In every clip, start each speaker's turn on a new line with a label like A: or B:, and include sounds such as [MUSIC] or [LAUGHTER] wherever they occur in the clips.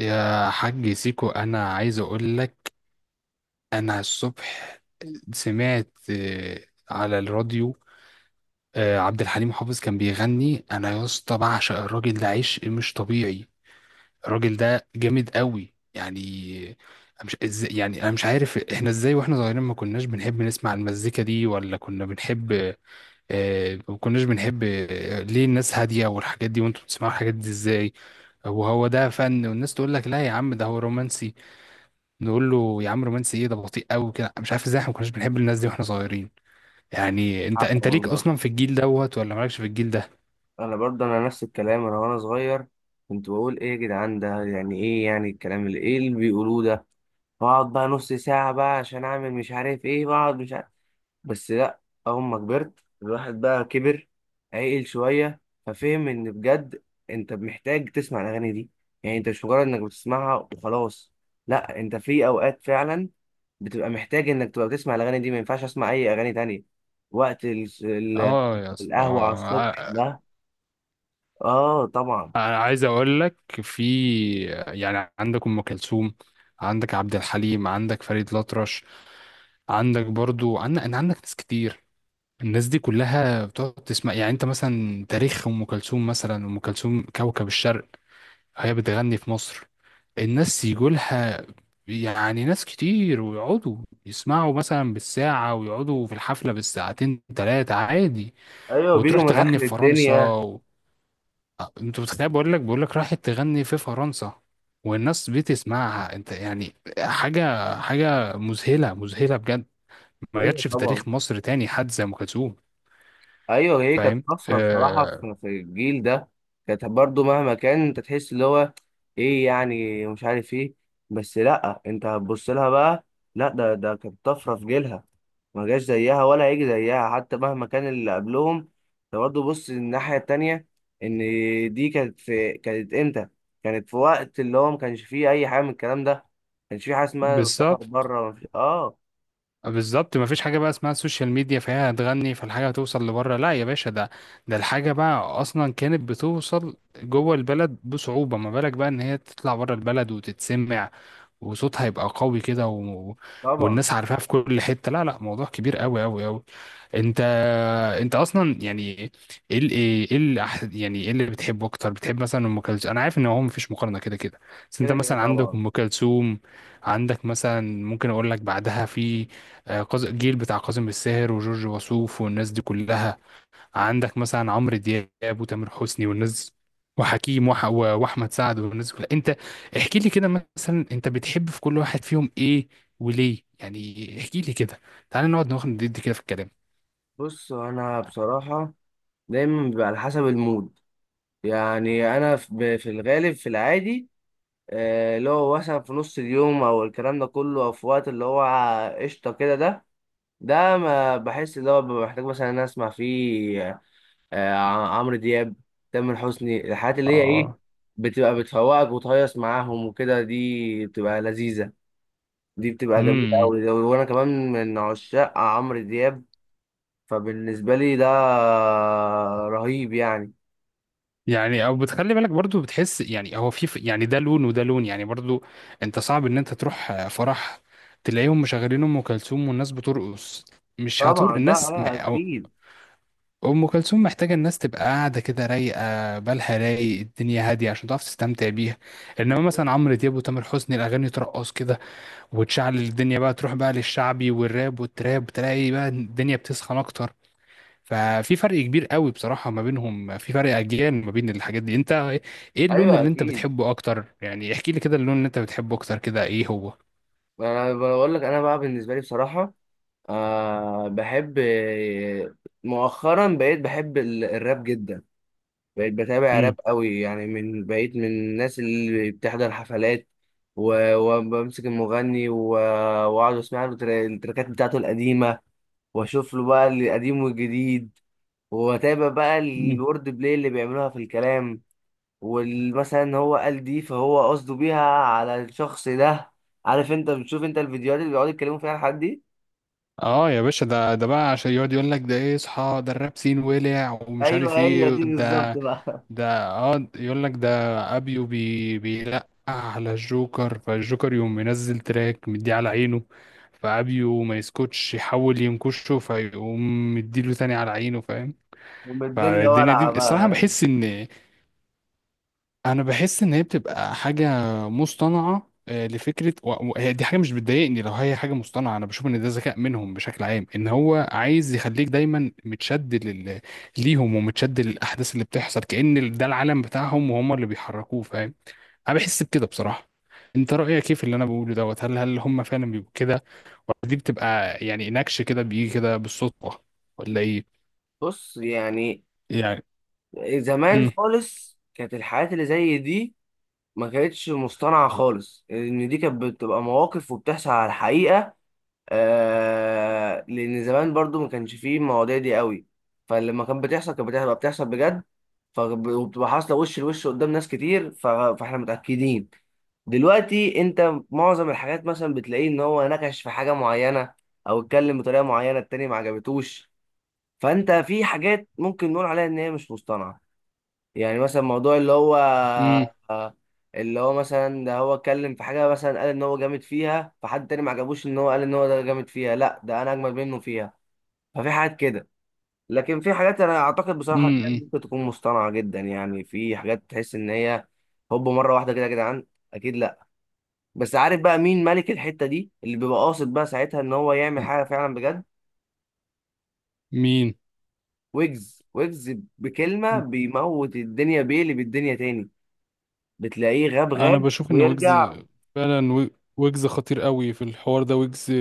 A: يا حاج سيكو، انا عايز اقول لك. انا الصبح سمعت على الراديو عبد الحليم حافظ كان بيغني، انا يا اسطى بعشق الراجل ده عشق مش طبيعي. الراجل ده جامد قوي يعني. أنا مش ازاي يعني انا مش عارف احنا ازاي واحنا صغيرين ما كناش بنحب نسمع المزيكا دي، ولا كنا بنحب؟ ما كناش بنحب. ليه الناس هادية والحاجات دي وانتوا بتسمعوا الحاجات دي ازاي؟ وهو ده فن، والناس تقول لك لا يا عم ده هو رومانسي. نقول له يا عم رومانسي ايه، ده بطيء قوي كده. مش عارف ازاي احنا ما كناش بنحب الناس دي واحنا صغيرين. يعني انت
B: حق
A: انت ليك
B: والله.
A: اصلا في الجيل دوت ولا مالكش في الجيل ده؟
B: انا برضه نفس الكلام، انا وانا صغير كنت بقول: ايه يا جدعان، ده يعني ايه؟ يعني الكلام اللي ايه اللي بيقولوه ده؟ بقعد بقى نص ساعة بقى عشان اعمل مش عارف ايه، بقعد مش عارف. بس لا، اول ما كبرت الواحد بقى كبر، عقل شوية، ففهم ان بجد انت محتاج تسمع الاغاني دي. يعني انت مش مجرد انك بتسمعها وخلاص، لا انت في اوقات فعلا بتبقى محتاج انك تبقى بتسمع الاغاني دي، ما ينفعش اسمع اي اغاني تانية. وقت
A: اه يا اسطى.
B: القهوة على الصبح ده. اه طبعا.
A: انا عايز اقول لك، في يعني عندك ام كلثوم، عندك عبد الحليم، عندك فريد الأطرش، عندك برضو عندك أنا، عندك ناس كتير. الناس دي كلها بتقعد تسمع. يعني انت مثلا تاريخ ام كلثوم، مثلا ام كلثوم كوكب الشرق، هي بتغني في مصر الناس يجولها، يعني ناس كتير، ويقعدوا يسمعوا مثلا بالساعة، ويقعدوا في الحفلة بالساعتين تلاتة عادي.
B: ايوه
A: وتروح
B: بيجوا من
A: تغني
B: اخر
A: في فرنسا
B: الدنيا.
A: و... آه، انت متخيل؟ بقول لك راحت تغني في فرنسا والناس بتسمعها، انت يعني حاجة حاجة مذهلة، مذهلة بجد. ما
B: ايوه
A: جاتش في
B: طبعا.
A: تاريخ مصر تاني حد زي أم كلثوم.
B: ايوه، هي كانت
A: فاهم؟
B: طفره بصراحه
A: آه.
B: في الجيل ده. كانت برضو مهما كان، انت تحس اللي هو ايه يعني، مش عارف ايه، بس لا، انت هتبص لها بقى. لا ده كانت طفره في جيلها، ما جاش زيها ولا هيجي زيها حتى مهما كان اللي قبلهم. انت برضو بص الناحيه التانيه، ان دي كانت امتى؟ كانت في وقت اللي هو ما كانش فيه اي حاجه من الكلام ده، ما كانش فيه حاجه اسمها سفر
A: بالظبط،
B: بره، ما فيش- اه
A: بالظبط. مفيش حاجة بقى اسمها السوشيال ميديا، فهي هتغني فالحاجة هتوصل لبره. لا يا باشا، ده الحاجة بقى أصلا كانت بتوصل جوه البلد بصعوبة، ما بالك بقى إن هي تطلع بره البلد وتتسمع، وصوتها يبقى قوي كده، و...
B: طبعا
A: والناس عارفاها في كل حتة. لا لا، موضوع كبير قوي قوي قوي. انت انت اصلا يعني ايه ال... ايه ال... يعني ايه اللي بتحبه اكتر؟ بتحب مثلا ام كلثوم؟ انا عارف ان هو مفيش مقارنة كده كده، بس انت
B: كده كده
A: مثلا عندك
B: طبعا.
A: ام كلثوم، عندك مثلا ممكن اقول لك بعدها في الجيل بتاع كاظم الساهر وجورج وسوف والناس دي كلها، عندك مثلا عمرو دياب وتامر حسني والناس، وحكيم وح... و- واحمد سعد والناس دي كلها. انت احكي لي كده، مثلا انت بتحب في كل واحد فيهم ايه وليه يعني. احكي لي كده، تعال نقعد ناخد ندي كده في الكلام.
B: بص انا بصراحه، دايما بيبقى على حسب المود. يعني انا في الغالب في العادي، اللي هو مثلا في نص اليوم او الكلام ده كله، او في وقت اللي هو قشطه كده ده ما بحس اللي هو ببقى محتاج مثلا إن أنا اسمع فيه آه، عمرو دياب، تامر حسني. الحاجات اللي هي ايه،
A: اه.
B: بتبقى بتفوقك وتهيص معاهم وكده، دي بتبقى لذيذه، دي بتبقى جميله
A: امم.
B: قوي، وانا كمان من عشاق عمرو دياب. فبالنسبة لي ده رهيب يعني.
A: يعني او بتخلي بالك برضو بتحس يعني هو يعني ده لون وده لون يعني برضو. انت صعب ان انت تروح فرح تلاقيهم مشغلين ام كلثوم والناس بترقص. مش هتر
B: طبعا، لا
A: الناس.
B: لا أكيد.
A: أم كلثوم محتاجة الناس تبقى قاعدة كده، رايقة، بالها رايق، الدنيا هادية، عشان تعرف تستمتع بيها. إنما مثلا عمرو دياب وتامر حسني، الأغاني ترقص كده وتشعل الدنيا. بقى تروح بقى للشعبي والراب والتراب، تلاقي بقى الدنيا بتسخن أكتر. ففي فرق كبير قوي بصراحة ما بينهم، في فرق أجيال ما بين الحاجات دي. أنت إيه اللون
B: أيوه
A: اللي أنت
B: أكيد.
A: بتحبه أكتر؟ يعني احكي لي كده، اللون اللي أنت بتحبه أكتر كده إيه هو؟
B: أنا بقول لك، أنا بقى بالنسبة لي بصراحة، أه بحب، مؤخرا بقيت بحب الراب جدا. بقيت بتابع راب
A: امم.
B: قوي، يعني من بقيت من الناس اللي بتحضر حفلات، وبمسك المغني، واقعد اسمع له التراكات بتاعته القديمة، واشوف له بقى القديم والجديد، واتابع بقى
A: مم.
B: الورد بلاي اللي بيعملوها في الكلام. ومثلا ان هو قال دي، فهو قصده بيها على الشخص ده. عارف انت، بتشوف انت الفيديوهات اللي بيقعدوا يتكلموا فيها الحاجات دي.
A: اه يا باشا، ده ده بقى عشان يقعد يقول لك ده ايه. اصحى، ده الراب سين ولع ومش
B: ايوه،
A: عارف
B: هي
A: ايه.
B: دي بالظبط
A: ده
B: بقى. [LAUGHS]
A: ده اه يقول لك ده ابيو بيلقح على الجوكر، فالجوكر يقوم منزل تراك مديه على عينه، فابيو ما يسكتش يحاول ينكشه، فيقوم مديله تاني على عينه. فاهم؟
B: ام الدنيا
A: فالدنيا
B: ولعه
A: دي الصراحة
B: بقى.
A: بحس ان انا بحس ان هي بتبقى حاجه مصطنعه، لفكره، و- وهي دي حاجه مش بتضايقني. لو هي حاجه مصطنعه، انا بشوف ان ده ذكاء منهم بشكل عام، ان هو عايز يخليك دايما متشد ليهم ومتشد للاحداث اللي بتحصل، كأن ده العالم بتاعهم وهم اللي بيحركوه. فاهم؟ انا بحس بكده بصراحه. انت رايك ايه في اللي انا بقوله دوت؟ هل هم فعلا بيبقوا كده؟ ولا دي بتبقى يعني نكش كده، بيجي كده بالصدفه؟ ولا ايه
B: بص يعني،
A: يعني؟
B: زمان
A: امم.
B: خالص كانت الحاجات اللي زي دي ما كانتش مصطنعه خالص، ان دي كانت بتبقى مواقف وبتحصل على الحقيقه. لان زمان برضو ما كانش فيه المواضيع دي قوي، فلما كانت بتحصل كانت بتبقى بتحصل بجد، وبتبقى حاصله وش لوش قدام ناس كتير، فاحنا متاكدين. دلوقتي انت معظم الحاجات مثلا بتلاقيه ان هو نكش في حاجه معينه، او اتكلم بطريقه معينه، التاني ما عجبتوش. فانت في حاجات ممكن نقول عليها ان هي مش مصطنعه، يعني مثلا موضوع اللي هو
A: امم.
B: اللي هو مثلا، ده هو اتكلم في حاجة مثلا، قال ان هو جامد فيها، فحد تاني ما عجبوش ان هو قال ان هو ده جامد فيها، لا ده انا اجمد منه فيها. ففي حاجات كده، لكن في حاجات انا اعتقد بصراحة ان هي
A: امم.
B: ممكن تكون مصطنعة جدا، يعني في حاجات تحس ان هي هوب مرة واحدة كده يا جدعان، اكيد لا. بس عارف بقى مين ملك الحتة دي، اللي بيبقى قاصد بقى ساعتها ان هو يعمل حاجة فعلا بجد؟
A: مين؟
B: ويجز. ويجز بكلمة بيموت الدنيا بيه، اللي بالدنيا تاني، بتلاقيه غاب
A: انا
B: غاب
A: بشوف ان ويجز
B: ويرجع.
A: فعلا. ويجز خطير قوي في الحوار ده. ويجز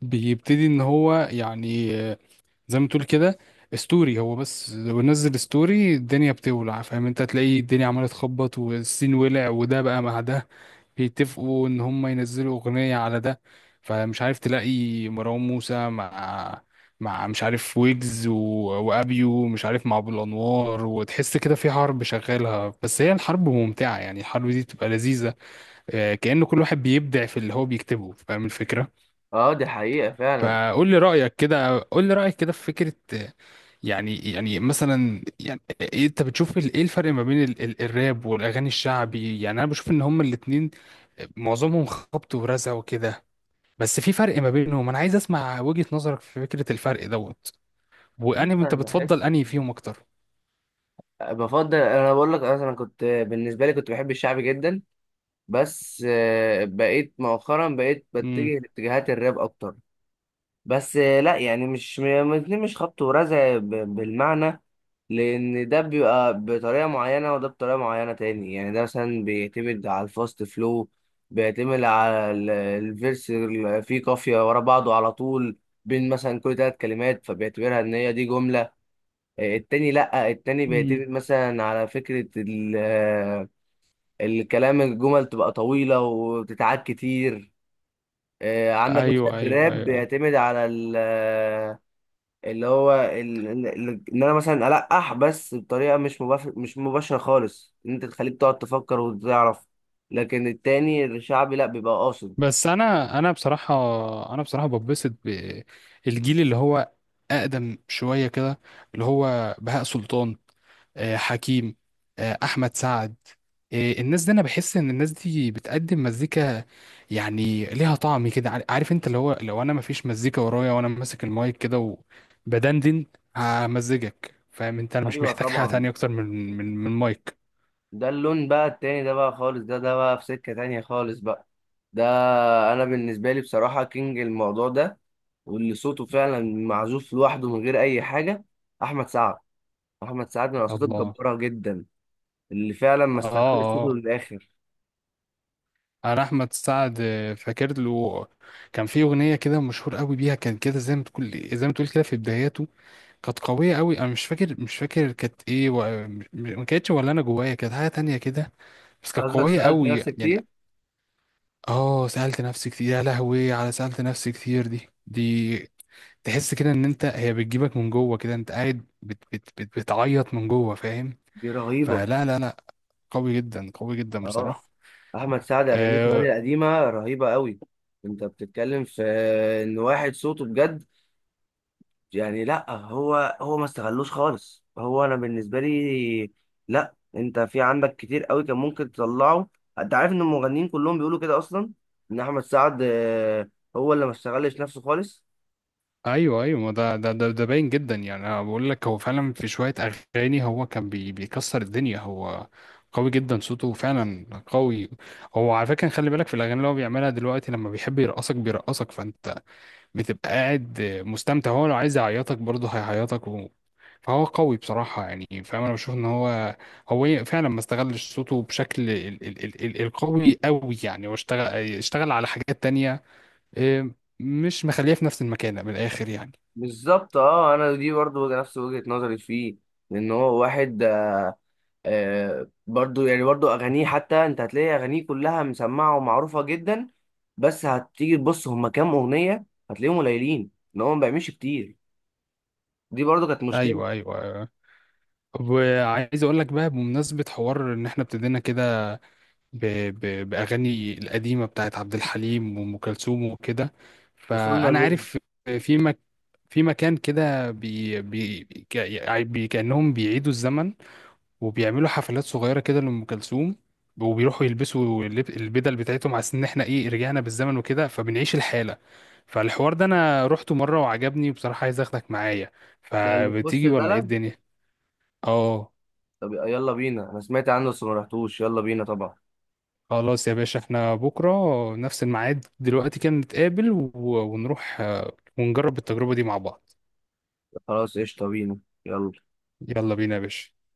A: بيبتدي ان هو يعني، زي ما تقول كده، ستوري. هو بس لو نزل ستوري الدنيا بتولع. فاهم؟ انت هتلاقي الدنيا عماله تخبط، والسين ولع، وده بقى مع ده بيتفقوا ان هم ينزلوا اغنية على ده. فمش عارف، تلاقي مروان موسى مع مع مش عارف ويجز وابيو مش عارف مع ابو الانوار. وتحس كده في حرب شغالها، بس هي الحرب ممتعة، يعني الحرب دي بتبقى لذيذة. كأنه كل واحد بيبدع في اللي هو بيكتبه. فاهم الفكرة؟
B: اه دي حقيقة فعلا.
A: فقول لي رأيك كده، قول لي رأيك كده في فكرة، يعني مثلا يعني انت بتشوف ايه الفرق ما بين ال ال الراب والاغاني الشعبي؟ يعني انا بشوف ان هما الاتنين معظمهم خبط ورزع وكده، بس في فرق ما بينهم. انا عايز اسمع وجهة نظرك في فكرة الفرق دوت، وانهي
B: بص
A: انت
B: انا
A: بتفضل
B: بحس،
A: انهي فيهم اكتر.
B: بفضل، انا بقول لك، انا كنت بالنسبة لي كنت بحب الشعب جدا، بس بقيت مؤخرا بقيت
A: امم.
B: بتجه لاتجاهات الراب اكتر، بس لا يعني مش الاتنين مش خبط ورزع بالمعنى، لان ده بيبقى بطريقة معينة وده بطريقة معينة تاني. يعني ده مثلا بيعتمد على الفاست فلو، بيعتمد على الفيرس اللي فيه قافية ورا بعضه على طول، بين مثلا كل ثلاث كلمات فبيعتبرها ان هي دي جملة. التاني لأ، التاني
A: مم.
B: بيعتمد مثلا على فكرة الكلام، الجمل تبقى طويلة وبتتعاد كتير. عندك مثلا
A: ايوه، ايوه،
B: الراب
A: ايوه، أيوة.
B: بيعتمد على اللي هو ان انا مثلا ألقح، بس بطريقة مش مش مباشرة خالص، ان انت تخليك تقعد تفكر وتعرف، لكن التاني الشعبي لأ بيبقى قاصد.
A: بس انا بصراحه، انا بصراحه ببسط بالجيل اللي هو اقدم شويه كده، اللي هو بهاء سلطان، حكيم، احمد سعد، الناس دي. انا بحس ان الناس دي بتقدم مزيكا، يعني ليها طعم كده. عارف انت؟ اللي هو لو انا مفيش مزيكا ورايا وانا ماسك المايك كده وبدندن همزجك. فاهم؟ انت انا مش
B: ايوه
A: محتاج حاجه
B: طبعا.
A: تانية اكتر من مايك.
B: ده اللون بقى التاني، ده بقى خالص، ده بقى في سكة تانية خالص بقى. ده انا بالنسبه لي بصراحه كينج الموضوع ده، واللي صوته فعلا معزوف لوحده من غير اي حاجه: احمد سعد. احمد سعد من الاصوات
A: الله.
B: الجباره جدا اللي فعلا ما
A: اه.
B: استغلش صوته
A: اه.
B: للاخر.
A: انا احمد سعد، فاكر له كان في اغنيه كده مشهور قوي بيها، كان كده زي ما تقول، كده في بداياته، كانت قوية قوي. انا مش فاكر كانت ايه، ما كانتش، ولا انا جوايا كانت حاجة تانية كده، بس كانت
B: قصدك
A: قوية
B: سالت
A: قوي
B: نفسك
A: يعني.
B: كتير؟
A: اه سألت نفسي كتير. يا لهوي على سألت نفسي كتير. دي تحس كده ان انت هي بتجيبك من جوه كده، انت قاعد بتعيط من جوه. فاهم؟
B: دي رهيبه.
A: فلا لا لا، قوي جدا، قوي جدا
B: اه،
A: بصراحة.
B: احمد سعد اغانيه كمان
A: آه،
B: القديمه رهيبه قوي. انت بتتكلم في ان واحد صوته بجد، يعني لا، هو ما استغلوش خالص. هو انا بالنسبه لي، لا انت في عندك كتير قوي كان ممكن تطلعه. انت عارف ان المغنيين كلهم بيقولوا كده اصلا، ان احمد سعد هو اللي ما استغلش نفسه خالص.
A: ايوه ايوه. ما ده باين جدا يعني. انا بقول لك هو فعلا في شويه اغاني هو كان بيكسر الدنيا، هو قوي جدا، صوته فعلا قوي. هو على فكره خلي بالك في الاغاني اللي هو بيعملها دلوقتي، لما بيحب يرقصك بيرقصك فانت بتبقى قاعد مستمتع، هو لو عايز يعيطك برضه هيعيطك. و... فهو قوي بصراحه يعني. فاهم؟ انا بشوف ان هو فعلا ما استغلش صوته بشكل القوي قوي يعني، اشتغل على حاجات تانية. إيه، مش مخليه في نفس المكانه من الاخر يعني.
B: بالظبط. اه، انا دي برضو نفس وجهه نظري فيه، لان هو واحد برضو يعني، برضو اغانيه، حتى انت هتلاقي اغانيه كلها مسمعه ومعروفه جدا، بس هتيجي تبص هما كام اغنيه، هتلاقيهم قليلين، ان هو ما بيعملش كتير. دي برضو كانت مشكله.
A: ايوه، ايوه، أيوة. وعايز اقول لك بقى بمناسبه حوار ان احنا ابتدينا كده ب... باغاني القديمه بتاعت عبد الحليم وام كلثوم وكده.
B: وصلنا
A: فانا
B: الود.
A: عارف في مك... في مكان كده، بي... بي... ك... يعني بي... كانهم بيعيدوا الزمن وبيعملوا حفلات صغيره كده لام كلثوم، وبيروحوا يلبسوا البدل بتاعتهم، على ان احنا ايه رجعنا بالزمن وكده، فبنعيش الحاله. فالحوار ده انا رحته مره وعجبني، وبصراحه عايز اخدك معايا،
B: ده اللي في وسط
A: فبتيجي ولا ايه
B: البلد؟
A: الدنيا؟ اه.
B: طب يلا بينا، انا سمعت عنه بس ما رحتوش. يلا بينا طبعا.
A: خلاص يا باشا، احنا بكرة نفس الميعاد دلوقتي كده نتقابل، و- ونروح ونجرب التجربة دي مع بعض.
B: خلاص قشطه، بينا يلا.
A: يلا بينا يا باشا.